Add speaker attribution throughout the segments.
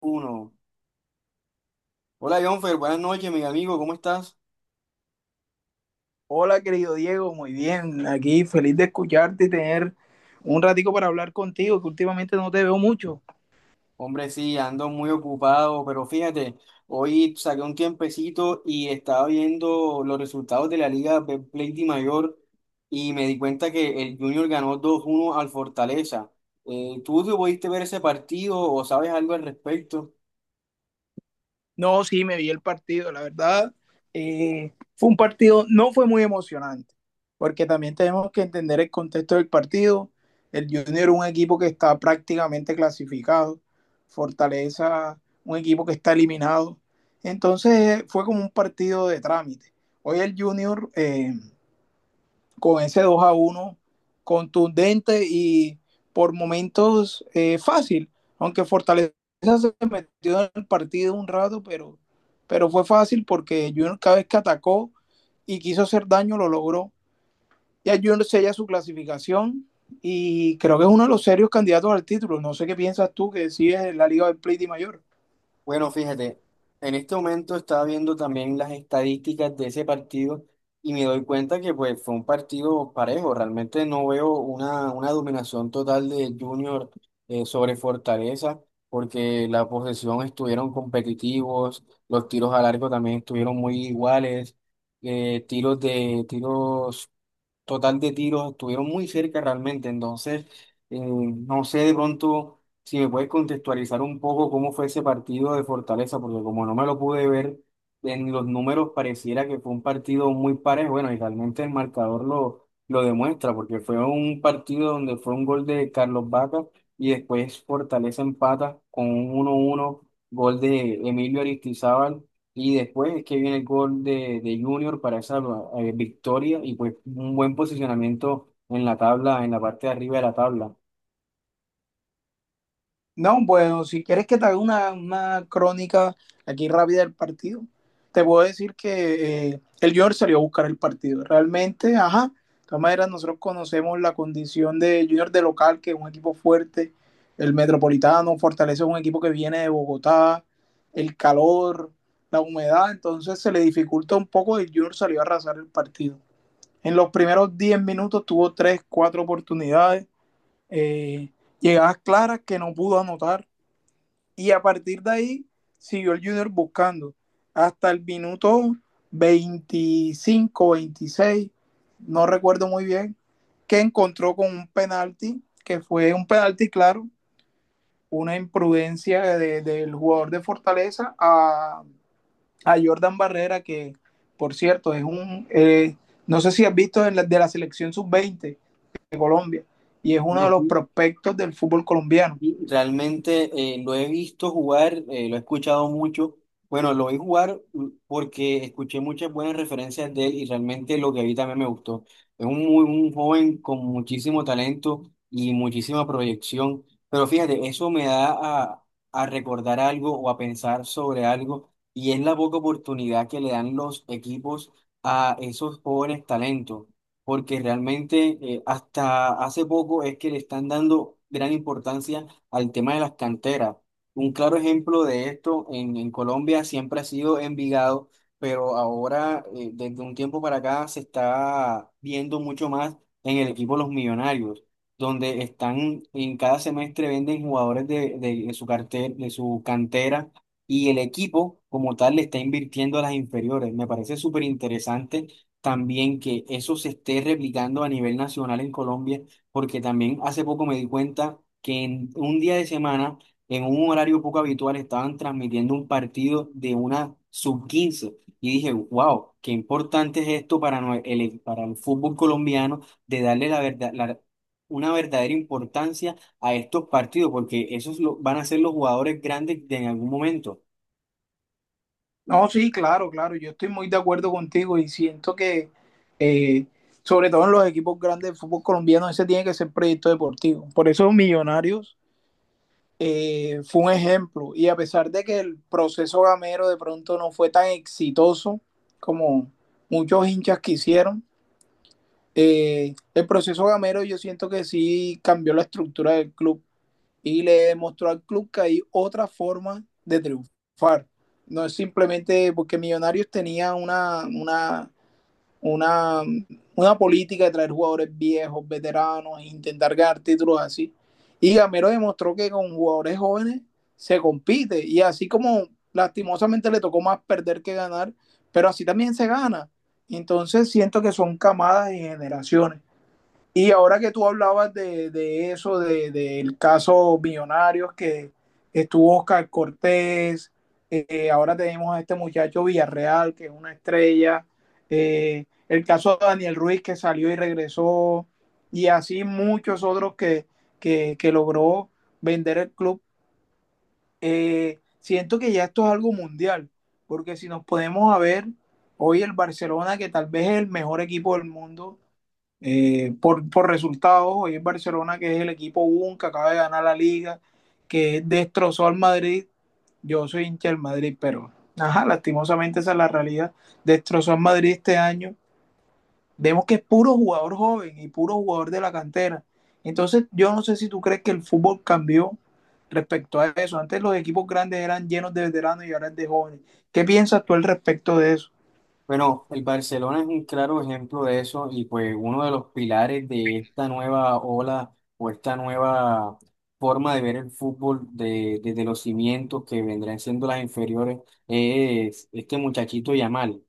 Speaker 1: Uno. Hola, Jonfer, buenas noches, mi amigo, ¿cómo estás?
Speaker 2: Hola, querido Diego, muy bien. Aquí feliz de escucharte y tener un ratico para hablar contigo, que últimamente no te veo mucho.
Speaker 1: Hombre, sí, ando muy ocupado, pero fíjate, hoy saqué un tiempecito y estaba viendo los resultados de la Liga de Play Di Mayor y me di cuenta que el Junior ganó 2-1 al Fortaleza. ¿Tú te pudiste ver ese partido o sabes algo al respecto?
Speaker 2: No, sí, me vi el partido, la verdad. Fue un partido, no fue muy emocionante, porque también tenemos que entender el contexto del partido. El Junior es un equipo que está prácticamente clasificado, Fortaleza, un equipo que está eliminado. Entonces fue como un partido de trámite. Hoy el Junior, con ese 2 a uno contundente y por momentos fácil, aunque Fortaleza se metió en el partido un rato, pero fue fácil porque Junior cada vez que atacó y quiso hacer daño lo logró. Ya Junior sella su clasificación y creo que es uno de los serios candidatos al título. No sé qué piensas tú que sí es la Liga del Play de Mayor.
Speaker 1: Bueno, fíjate, en este momento estaba viendo también las estadísticas de ese partido y me doy cuenta que pues fue un partido parejo. Realmente no veo una dominación total de Junior sobre Fortaleza, porque la posesión estuvieron competitivos, los tiros al arco también estuvieron muy iguales, tiros de tiros total de tiros, estuvieron muy cerca realmente. Entonces, no sé de pronto si me puedes contextualizar un poco cómo fue ese partido de Fortaleza, porque como no me lo pude ver, en los números pareciera que fue un partido muy parejo. Bueno, y realmente el marcador lo demuestra, porque fue un partido donde fue un gol de Carlos Vaca y después Fortaleza empata con un uno uno, gol de Emilio Aristizábal, y después es que viene el gol de Junior para esa victoria y pues un buen posicionamiento en la tabla, en la parte de arriba de la tabla.
Speaker 2: No, bueno, si quieres que te haga una crónica aquí rápida del partido, te puedo decir que el Junior salió a buscar el partido. Realmente, ajá, de todas maneras nosotros conocemos la condición de Junior de local, que es un equipo fuerte, el Metropolitano, Fortaleza es un equipo que viene de Bogotá, el calor, la humedad, entonces se le dificulta un poco y el Junior salió a arrasar el partido. En los primeros 10 minutos tuvo 3, 4 oportunidades, eh, llegadas claras que no pudo anotar y a partir de ahí siguió el Junior buscando hasta el minuto 25, 26, no recuerdo muy bien, que encontró con un penalti, que fue un penalti, claro, una imprudencia del jugador de Fortaleza a Jordan Barrera, que por cierto es un, no sé si has visto en de la selección sub-20 Colombia, y es uno de los prospectos del fútbol colombiano.
Speaker 1: Y realmente lo he visto jugar, lo he escuchado mucho. Bueno, lo vi jugar porque escuché muchas buenas referencias de él y realmente lo que vi también me gustó. Es un, muy, un joven con muchísimo talento y muchísima proyección. Pero fíjate, eso me da a, a recordar algo o a pensar sobre algo, y es la poca oportunidad que le dan los equipos a esos jóvenes talentos, porque realmente hasta hace poco es que le están dando gran importancia al tema de las canteras. Un claro ejemplo de esto en Colombia siempre ha sido Envigado, pero ahora desde un tiempo para acá se está viendo mucho más en el equipo Los Millonarios, donde están en cada semestre venden jugadores de, de su cartel, de su cantera, y el equipo como tal le está invirtiendo a las inferiores. Me parece súper interesante también que eso se esté replicando a nivel nacional en Colombia, porque también hace poco me di cuenta que en un día de semana, en un horario poco habitual, estaban transmitiendo un partido de una sub quince y dije, wow, qué importante es esto para, para el fútbol colombiano, de darle la verdad, una verdadera importancia a estos partidos, porque van a ser los jugadores grandes de en algún momento.
Speaker 2: No, sí, claro, claro, yo estoy muy de acuerdo contigo y siento que, eh, sobre todo en los equipos grandes de fútbol colombiano, ese tiene que ser proyecto deportivo. Por eso Millonarios fue un ejemplo y a pesar de que el proceso gamero de pronto no fue tan exitoso como muchos hinchas quisieron, el proceso gamero yo siento que sí cambió la estructura del club y le demostró al club que hay otra forma de triunfar. No es simplemente porque Millonarios tenía una, una política de traer jugadores viejos, veteranos, e intentar ganar títulos así. Y Gamero demostró que con jugadores jóvenes se compite y así como lastimosamente le tocó más perder que ganar, pero así también se gana. Entonces siento que son camadas y generaciones. Y ahora que tú hablabas de eso, del caso Millonarios, que estuvo Oscar Cortés, ahora tenemos a este muchacho Villarreal, que es una estrella, el caso de Daniel Ruiz, que salió y regresó, y así muchos otros que logró vender el club. Siento que ya esto es algo mundial, porque si nos podemos a ver, hoy el Barcelona, que tal vez es el mejor equipo del mundo, por resultados, hoy el Barcelona, que es el equipo UN, que acaba de ganar la liga, que destrozó al Madrid. Yo soy hincha del Madrid, pero ajá, lastimosamente esa es la realidad. Destrozó al Madrid este año. Vemos que es puro jugador joven y puro jugador de la cantera. Entonces, yo no sé si tú crees que el fútbol cambió respecto a eso. Antes los equipos grandes eran llenos de veteranos y ahora es de jóvenes. ¿Qué piensas tú al respecto de eso?
Speaker 1: Bueno, el Barcelona es un claro ejemplo de eso, y pues uno de los pilares de esta nueva ola o esta nueva forma de ver el fútbol de, desde los cimientos que vendrán siendo las inferiores, es este muchachito Yamal.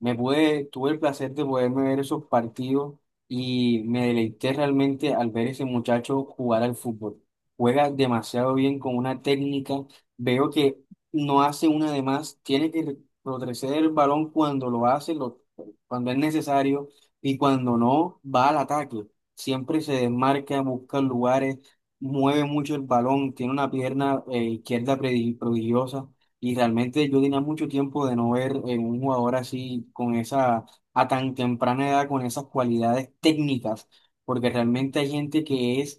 Speaker 1: Tuve el placer de poderme ver esos partidos y me deleité realmente al ver ese muchacho jugar al fútbol. Juega demasiado bien, con una técnica. Veo que no hace una de más. Tiene que retroceder el balón cuando lo hace, cuando es necesario, y cuando no, va al ataque. Siempre se desmarca, busca lugares, mueve mucho el balón, tiene una pierna izquierda prodigiosa. Y realmente yo tenía mucho tiempo de no ver un jugador así, con esa, a tan temprana edad, con esas cualidades técnicas, porque realmente hay gente que es,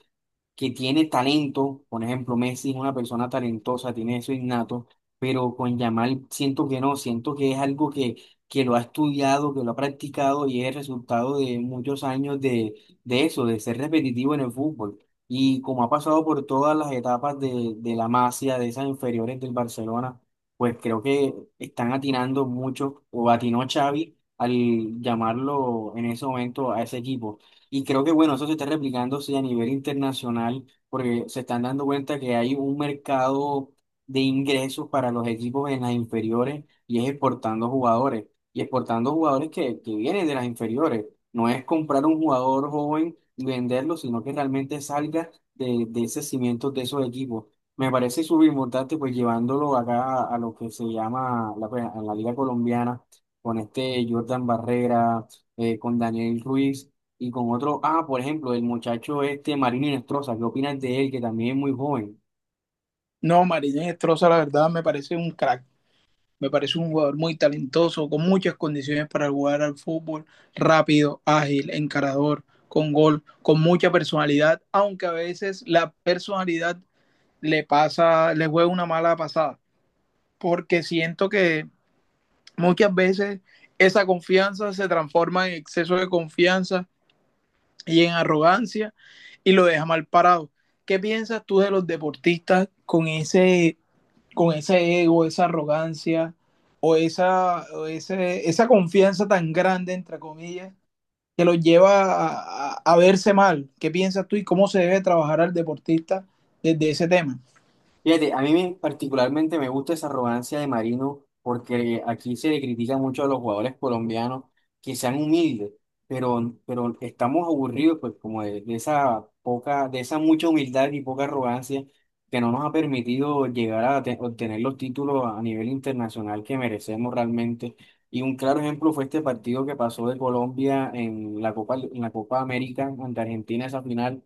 Speaker 1: que tiene talento. Por ejemplo, Messi es una persona talentosa, tiene eso innato, pero con Yamal siento que no, siento que es algo que lo ha estudiado, que lo ha practicado, y es el resultado de muchos años de eso, de ser repetitivo en el fútbol. Y como ha pasado por todas las etapas de la Masia, de esas inferiores del Barcelona, pues creo que están atinando mucho, o atinó Xavi al llamarlo en ese momento a ese equipo. Y creo que bueno, eso se está replicando sí, a nivel internacional, porque se están dando cuenta que hay un mercado de ingresos para los equipos en las inferiores, y es exportando jugadores. Y exportando jugadores que vienen de las inferiores. No es comprar un jugador joven y venderlo, sino que realmente salga de ese cimiento de esos equipos. Me parece súper importante, pues llevándolo acá a lo que se llama la, pues, a la Liga Colombiana, con este Jordan Barrera, con Daniel Ruiz, y con otro, ah, por ejemplo, el muchacho este Marino Inestrosa. ¿Qué opinas de él? Que también es muy joven.
Speaker 2: No, Marínez Estroza, la verdad, me parece un crack. Me parece un jugador muy talentoso, con muchas condiciones para jugar al fútbol, rápido, ágil, encarador, con gol, con mucha personalidad, aunque a veces la personalidad le pasa, le juega una mala pasada, porque siento que muchas veces esa confianza se transforma en exceso de confianza y en arrogancia y lo deja mal parado. ¿Qué piensas tú de los deportistas con ese ego, esa arrogancia o esa confianza tan grande, entre comillas, que los lleva a verse mal? ¿Qué piensas tú y cómo se debe trabajar al deportista desde ese tema?
Speaker 1: Fíjate, a mí particularmente me gusta esa arrogancia de Marino, porque aquí se le critica mucho a los jugadores colombianos que sean humildes, pero estamos aburridos pues como de esa poca, de esa mucha humildad y poca arrogancia que no nos ha permitido llegar a obtener los títulos a nivel internacional que merecemos realmente. Y un claro ejemplo fue este partido que pasó de Colombia en la Copa América ante Argentina, esa final,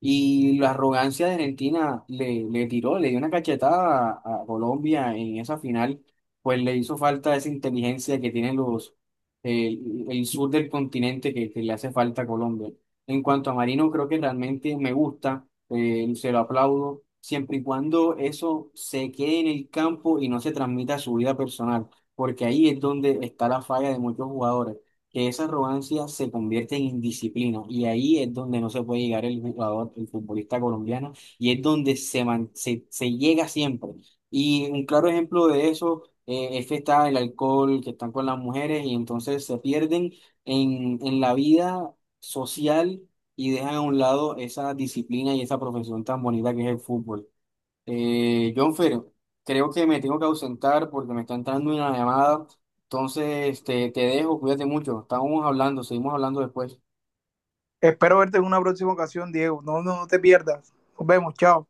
Speaker 1: y la arrogancia de Argentina le, le tiró, le dio una cachetada a Colombia en esa final. Pues le hizo falta esa inteligencia que tienen los eh, el sur del continente, que le hace falta a Colombia. En cuanto a Marino, creo que realmente me gusta, se lo aplaudo, siempre y cuando eso se quede en el campo y no se transmita a su vida personal, porque ahí es donde está la falla de muchos jugadores, que esa arrogancia se convierte en indisciplina, y ahí es donde no se puede llegar el jugador, el futbolista colombiano, y es donde se, se llega siempre. Y un claro ejemplo de eso es que está el alcohol, que están con las mujeres, y entonces se pierden en la vida social y dejan a un lado esa disciplina y esa profesión tan bonita que es el fútbol. Jonfer, creo que me tengo que ausentar porque me está entrando una llamada. Entonces, te dejo, cuídate mucho. Estamos hablando, seguimos hablando después.
Speaker 2: Espero verte en una próxima ocasión, Diego. No, no, no te pierdas. Nos vemos, chao.